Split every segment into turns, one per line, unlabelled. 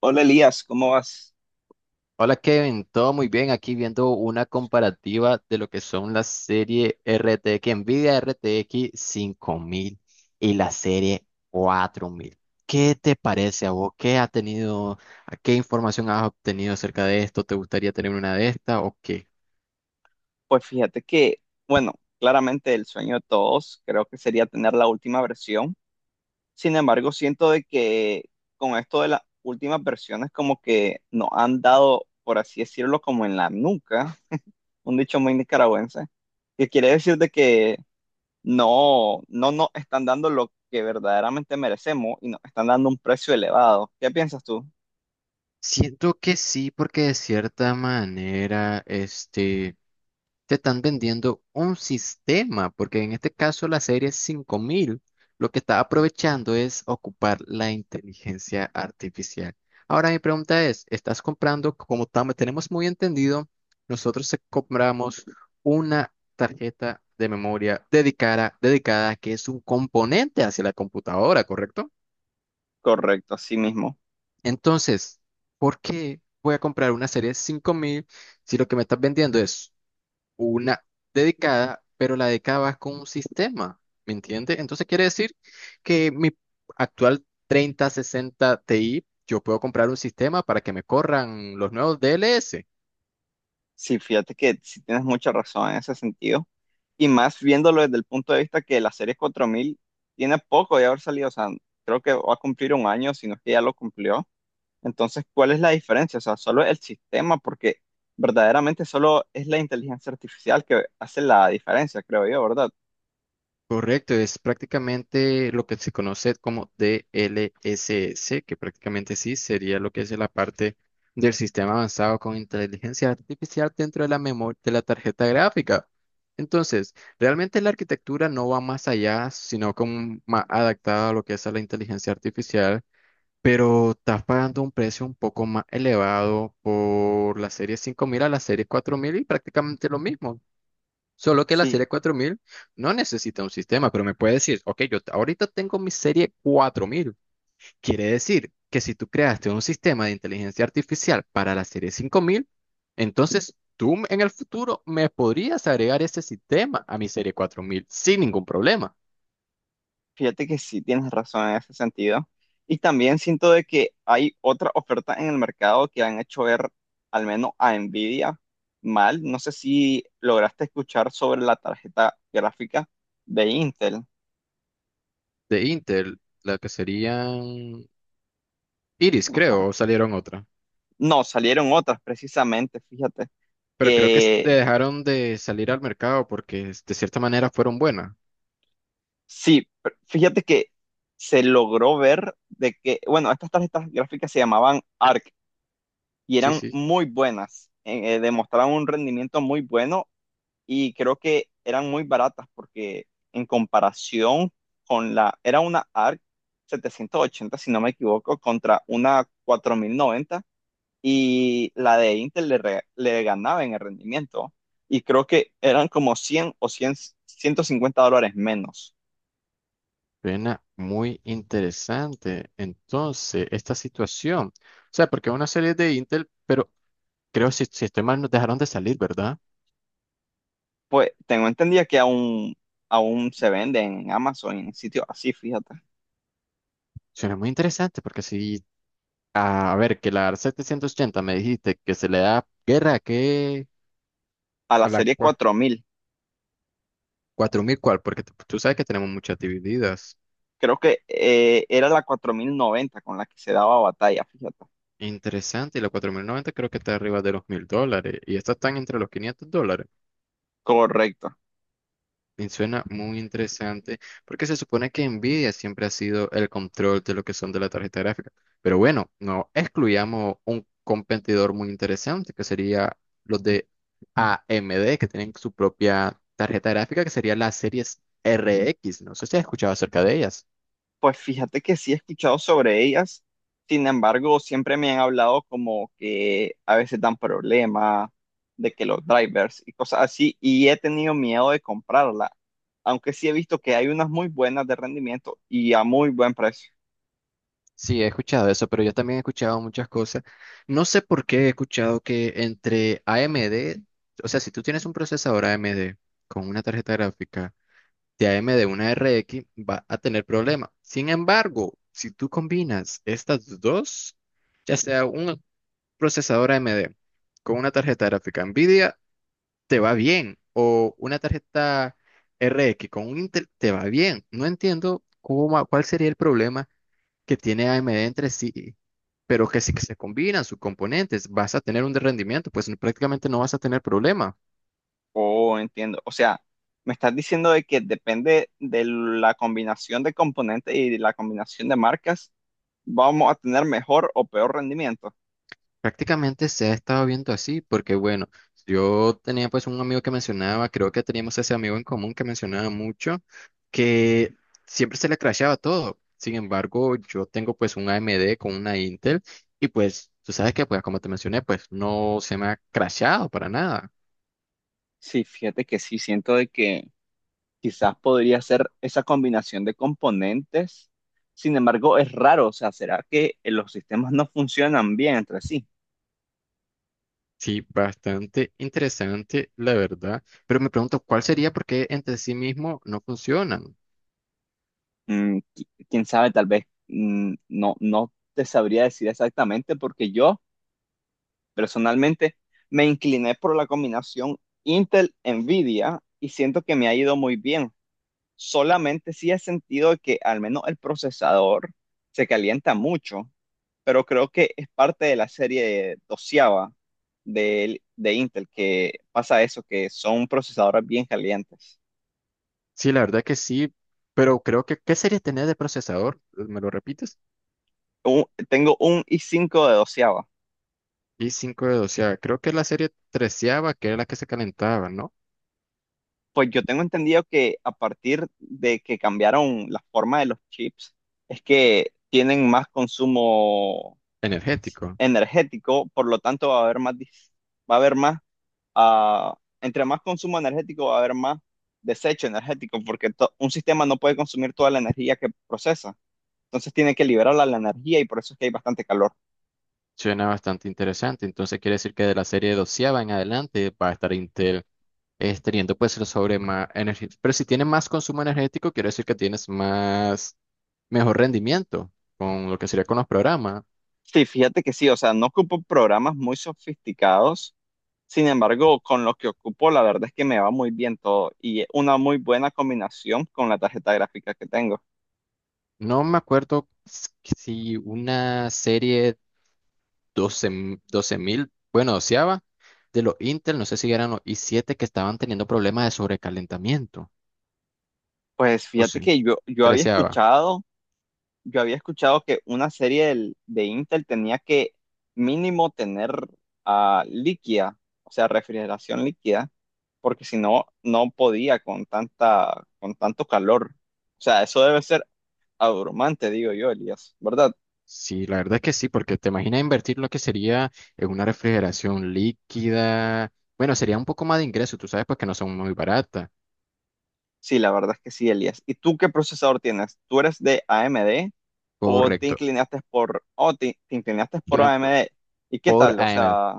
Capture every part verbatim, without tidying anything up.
Hola Elías, ¿cómo vas?
Hola Kevin, todo muy bien. Aquí viendo una comparativa de lo que son la serie R T X, Nvidia R T X mil y la serie cuatro mil. ¿Qué te parece a vos? ¿Qué ha tenido, qué información has obtenido acerca de esto? ¿Te gustaría tener una de estas o qué?
Pues fíjate que, bueno, claramente el sueño de todos creo que sería tener la última versión. Sin embargo, siento de que con esto de las últimas versiones como que nos han dado, por así decirlo, como en la nuca, un dicho muy nicaragüense, que quiere decir de que no, no nos están dando lo que verdaderamente merecemos y nos están dando un precio elevado. ¿Qué piensas tú?
Siento que sí, porque de cierta manera, este, te están vendiendo un sistema, porque en este caso la serie cinco mil lo que está aprovechando es ocupar la inteligencia artificial. Ahora mi pregunta es: ¿estás comprando, como tam- tenemos muy entendido, nosotros se- compramos una tarjeta de memoria dedicada, dedicada, que es un componente hacia la computadora, correcto?
Correcto, así mismo.
Entonces, ¿por qué voy a comprar una serie de cinco mil si lo que me estás vendiendo es una dedicada, pero la dedicada va con un sistema? ¿Me entiendes? Entonces quiere decir que mi actual treinta sesenta Ti, yo puedo comprar un sistema para que me corran los nuevos D L S.
Sí, fíjate que sí tienes mucha razón en ese sentido. Y más viéndolo desde el punto de vista que la serie cuatro mil tiene poco de haber salido. O sea, creo que va a cumplir un año, si no es que ya lo cumplió. Entonces, ¿cuál es la diferencia? O sea, solo el sistema, porque verdaderamente solo es la inteligencia artificial que hace la diferencia, creo yo, ¿verdad?
Correcto, es prácticamente lo que se conoce como D L S S, que prácticamente sí sería lo que es la parte del sistema avanzado con inteligencia artificial dentro de la memoria de la tarjeta gráfica. Entonces, realmente la arquitectura no va más allá, sino como más adaptada a lo que es a la inteligencia artificial, pero estás pagando un precio un poco más elevado por la serie cinco mil a la serie cuatro mil y prácticamente lo mismo. Solo que la
Sí,
serie cuatro mil no necesita un sistema, pero me puede decir, ok, yo ahorita tengo mi serie cuatro mil. Quiere decir que si tú creaste un sistema de inteligencia artificial para la serie cinco mil, entonces tú en el futuro me podrías agregar ese sistema a mi serie cuatro mil sin ningún problema.
fíjate que sí tienes razón en ese sentido. Y también siento de que hay otras ofertas en el mercado que han hecho ver al menos a Nvidia mal. No sé si lograste escuchar sobre la tarjeta gráfica de Intel.
De Intel, la que serían Iris,
Ajá.
creo, o salieron otra.
No, salieron otras precisamente, fíjate,
Pero creo que s-
que
dejaron de salir al mercado porque de cierta manera fueron buenas.
sí. Pr- fíjate que se logró ver de que, bueno, estas tarjetas gráficas se llamaban A R C y
Sí,
eran
sí.
muy buenas. Eh, eh, demostraban un rendimiento muy bueno, y creo que eran muy baratas porque en comparación con la, era una A R C setecientos ochenta, si no me equivoco, contra una cuatro mil noventa, y la de Intel le, re- le ganaba en el rendimiento. Y creo que eran como cien o cien ciento cincuenta dólares menos.
Suena muy interesante. Entonces, esta situación, o sea, porque una serie de Intel, pero creo si, si estoy mal, nos dejaron de salir, ¿verdad?
Pues tengo entendido que aún, aún se vende en Amazon, en sitios así, fíjate.
Suena muy interesante, porque si, a ver, que la setecientos ochenta me dijiste que se le da guerra a
A la
a la
serie
cua-
cuatro mil.
cuatro mil, ¿cuál? Porque tú tú sabes que tenemos muchas divididas.
Creo que eh, era la cuatro mil noventa con la que se daba batalla, fíjate.
Interesante, y la cuatro mil noventa creo que está arriba de los mil dólares, y estas están entre los quinientos dólares.
Correcto.
Me suena muy interesante porque se supone que Nvidia siempre ha sido el control de lo que son de la tarjeta gráfica. Pero bueno, no excluyamos un competidor muy interesante que sería los de A M D, que tienen su propia tarjeta gráfica que sería las series R X. No sé si has escuchado acerca de ellas.
Pues fíjate que sí he escuchado sobre ellas, sin embargo, siempre me han hablado como que a veces dan problemas, de que los drivers y cosas así, y he tenido miedo de comprarla, aunque sí he visto que hay unas muy buenas de rendimiento y a muy buen precio.
Sí, he escuchado eso, pero yo también he escuchado muchas cosas. No sé por qué he escuchado que entre A M D, o sea, si tú tienes un procesador A M D con una tarjeta gráfica de A M D, una R X, va a tener problema. Sin embargo, si tú combinas estas dos, ya sea un procesador A M D con una tarjeta gráfica NVIDIA, te va bien, o una tarjeta R X con un Intel, te va bien. No entiendo cómo, cuál sería el problema que tiene A M D entre sí. Pero que si que se combinan sus componentes, vas a tener un rendimiento, pues prácticamente no vas a tener problema.
Oh, entiendo. O sea, me estás diciendo de que depende de la combinación de componentes y de la combinación de marcas, vamos a tener mejor o peor rendimiento.
Prácticamente se ha estado viendo así, porque bueno, yo tenía pues un amigo que mencionaba, creo que teníamos ese amigo en común, que mencionaba mucho que siempre se le crashaba todo. Sin embargo, yo tengo pues un A M D con una Intel y pues tú sabes que, pues, como te mencioné, pues no se me ha crashado para nada.
Sí, fíjate que sí, siento de que quizás podría ser esa combinación de componentes. Sin embargo, es raro, o sea, ¿será que eh, los sistemas no funcionan bien entre sí?
Sí, bastante interesante, la verdad. Pero me pregunto, ¿cuál sería, por qué entre sí mismo no funcionan?
Mm, qui- quién sabe, tal vez mm, no, no te sabría decir exactamente porque yo personalmente me incliné por la combinación Intel-NVIDIA y siento que me ha ido muy bien. Solamente sí he sentido que al menos el procesador se calienta mucho, pero creo que es parte de la serie doceava de, de Intel, que pasa eso, que son procesadores bien calientes.
Sí, la verdad que sí, pero creo que, ¿qué sería tener de procesador? ¿Me lo repites?
Un- tengo un i cinco de doceava.
Y cinco de doceava. Creo que es la serie treceava, que era la que se calentaba, ¿no?
Pues yo tengo entendido que a partir de que cambiaron la forma de los chips, es que tienen más consumo
Energético.
energético, por lo tanto va a haber más, dis- va a haber más, ah, entre más consumo energético va a haber más desecho energético, porque to- un sistema no puede consumir toda la energía que procesa. Entonces tiene que liberarla la energía, y por eso es que hay bastante calor.
Suena bastante interesante. Entonces quiere decir que de la serie doceava en adelante va a estar Intel eh, teniendo pues el sobre más energía. Pero si tiene más consumo energético, quiere decir que tienes más, mejor rendimiento con lo que sería con los programas.
Sí, fíjate que sí, o sea, no ocupo programas muy sofisticados. Sin embargo, con lo que ocupo, la verdad es que me va muy bien todo y es una muy buena combinación con la tarjeta gráfica que tengo.
No me acuerdo s- si una serie doce m- doce mil, bueno, doceava, de los Intel, no sé si eran los i siete que estaban teniendo problemas de sobrecalentamiento.
Pues
O
fíjate
sí,
que yo, yo había
treceava.
escuchado yo había escuchado que una serie del- de Intel tenía que mínimo tener ah, líquida, o sea, refrigeración líquida, porque si no, no podía con tanta, con tanto calor. O sea, eso debe ser abrumante, digo yo, Elías, ¿verdad?
Sí, la verdad es que sí, porque te imaginas invertir lo que sería en una refrigeración líquida. Bueno, sería un poco más de ingreso, tú sabes, pues que no son muy baratas.
Sí, la verdad es que sí, Elías. ¿Y tú qué procesador tienes? ¿Tú eres de A M D, o te
Correcto.
inclinaste por, o te, te inclinaste por
Claro, Por,
A M D? ¿Y qué
por
tal? O
A M.
sea,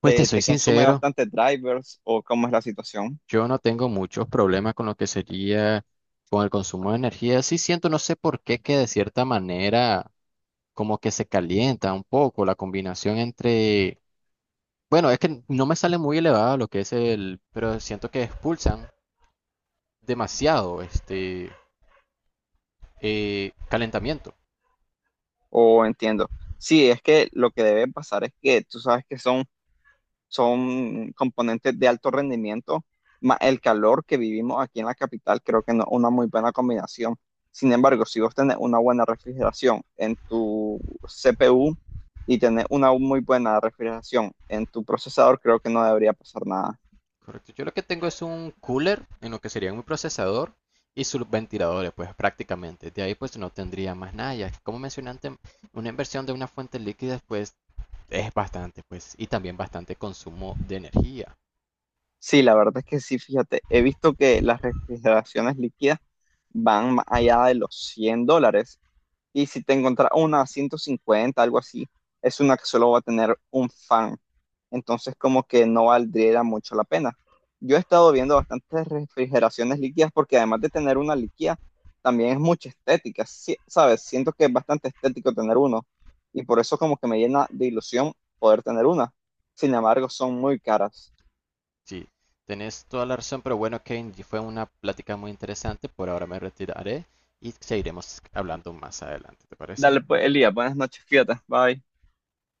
Pues te
¿te,
soy
te consume
sincero,
bastante drivers o cómo es la situación?
yo no tengo muchos problemas con lo que sería con el consumo de energía. Sí siento, no sé por qué, que de cierta manera como que se calienta un poco la combinación entre. Bueno, es que no me sale muy elevado lo que es el, pero siento que expulsan demasiado este eh, calentamiento.
O entiendo. Sí, es que lo que debe pasar es que tú sabes que son, son componentes de alto rendimiento, más el calor que vivimos aquí en la capital, creo que no es una muy buena combinación. Sin embargo, si vos tenés una buena refrigeración en tu C P U y tenés una muy buena refrigeración en tu procesador, creo que no debería pasar nada.
Correcto. Yo lo que tengo es un cooler en lo que sería mi procesador y sus ventiladores, pues prácticamente. De ahí pues no tendría más nada. Ya como mencioné antes, una inversión de una fuente líquida pues es bastante, pues, y también bastante consumo de energía.
Sí, la verdad es que sí, fíjate, he visto que las refrigeraciones líquidas van más allá de los cien dólares. Y si te encontrás una a ciento cincuenta, algo así, es una que solo va a tener un fan. Entonces, como que no valdría mucho la pena. Yo he estado viendo bastantes refrigeraciones líquidas porque además de tener una líquida, también es mucha estética, sí, ¿sabes? Siento que es bastante estético tener uno y por eso como que me llena de ilusión poder tener una. Sin embargo, son muy caras.
Sí, tenés toda la razón, pero bueno, Kane, fue una plática muy interesante. Por ahora me retiraré y seguiremos hablando más adelante, ¿te parece?
Dale pues, Elías, buenas noches, fíjate, bye.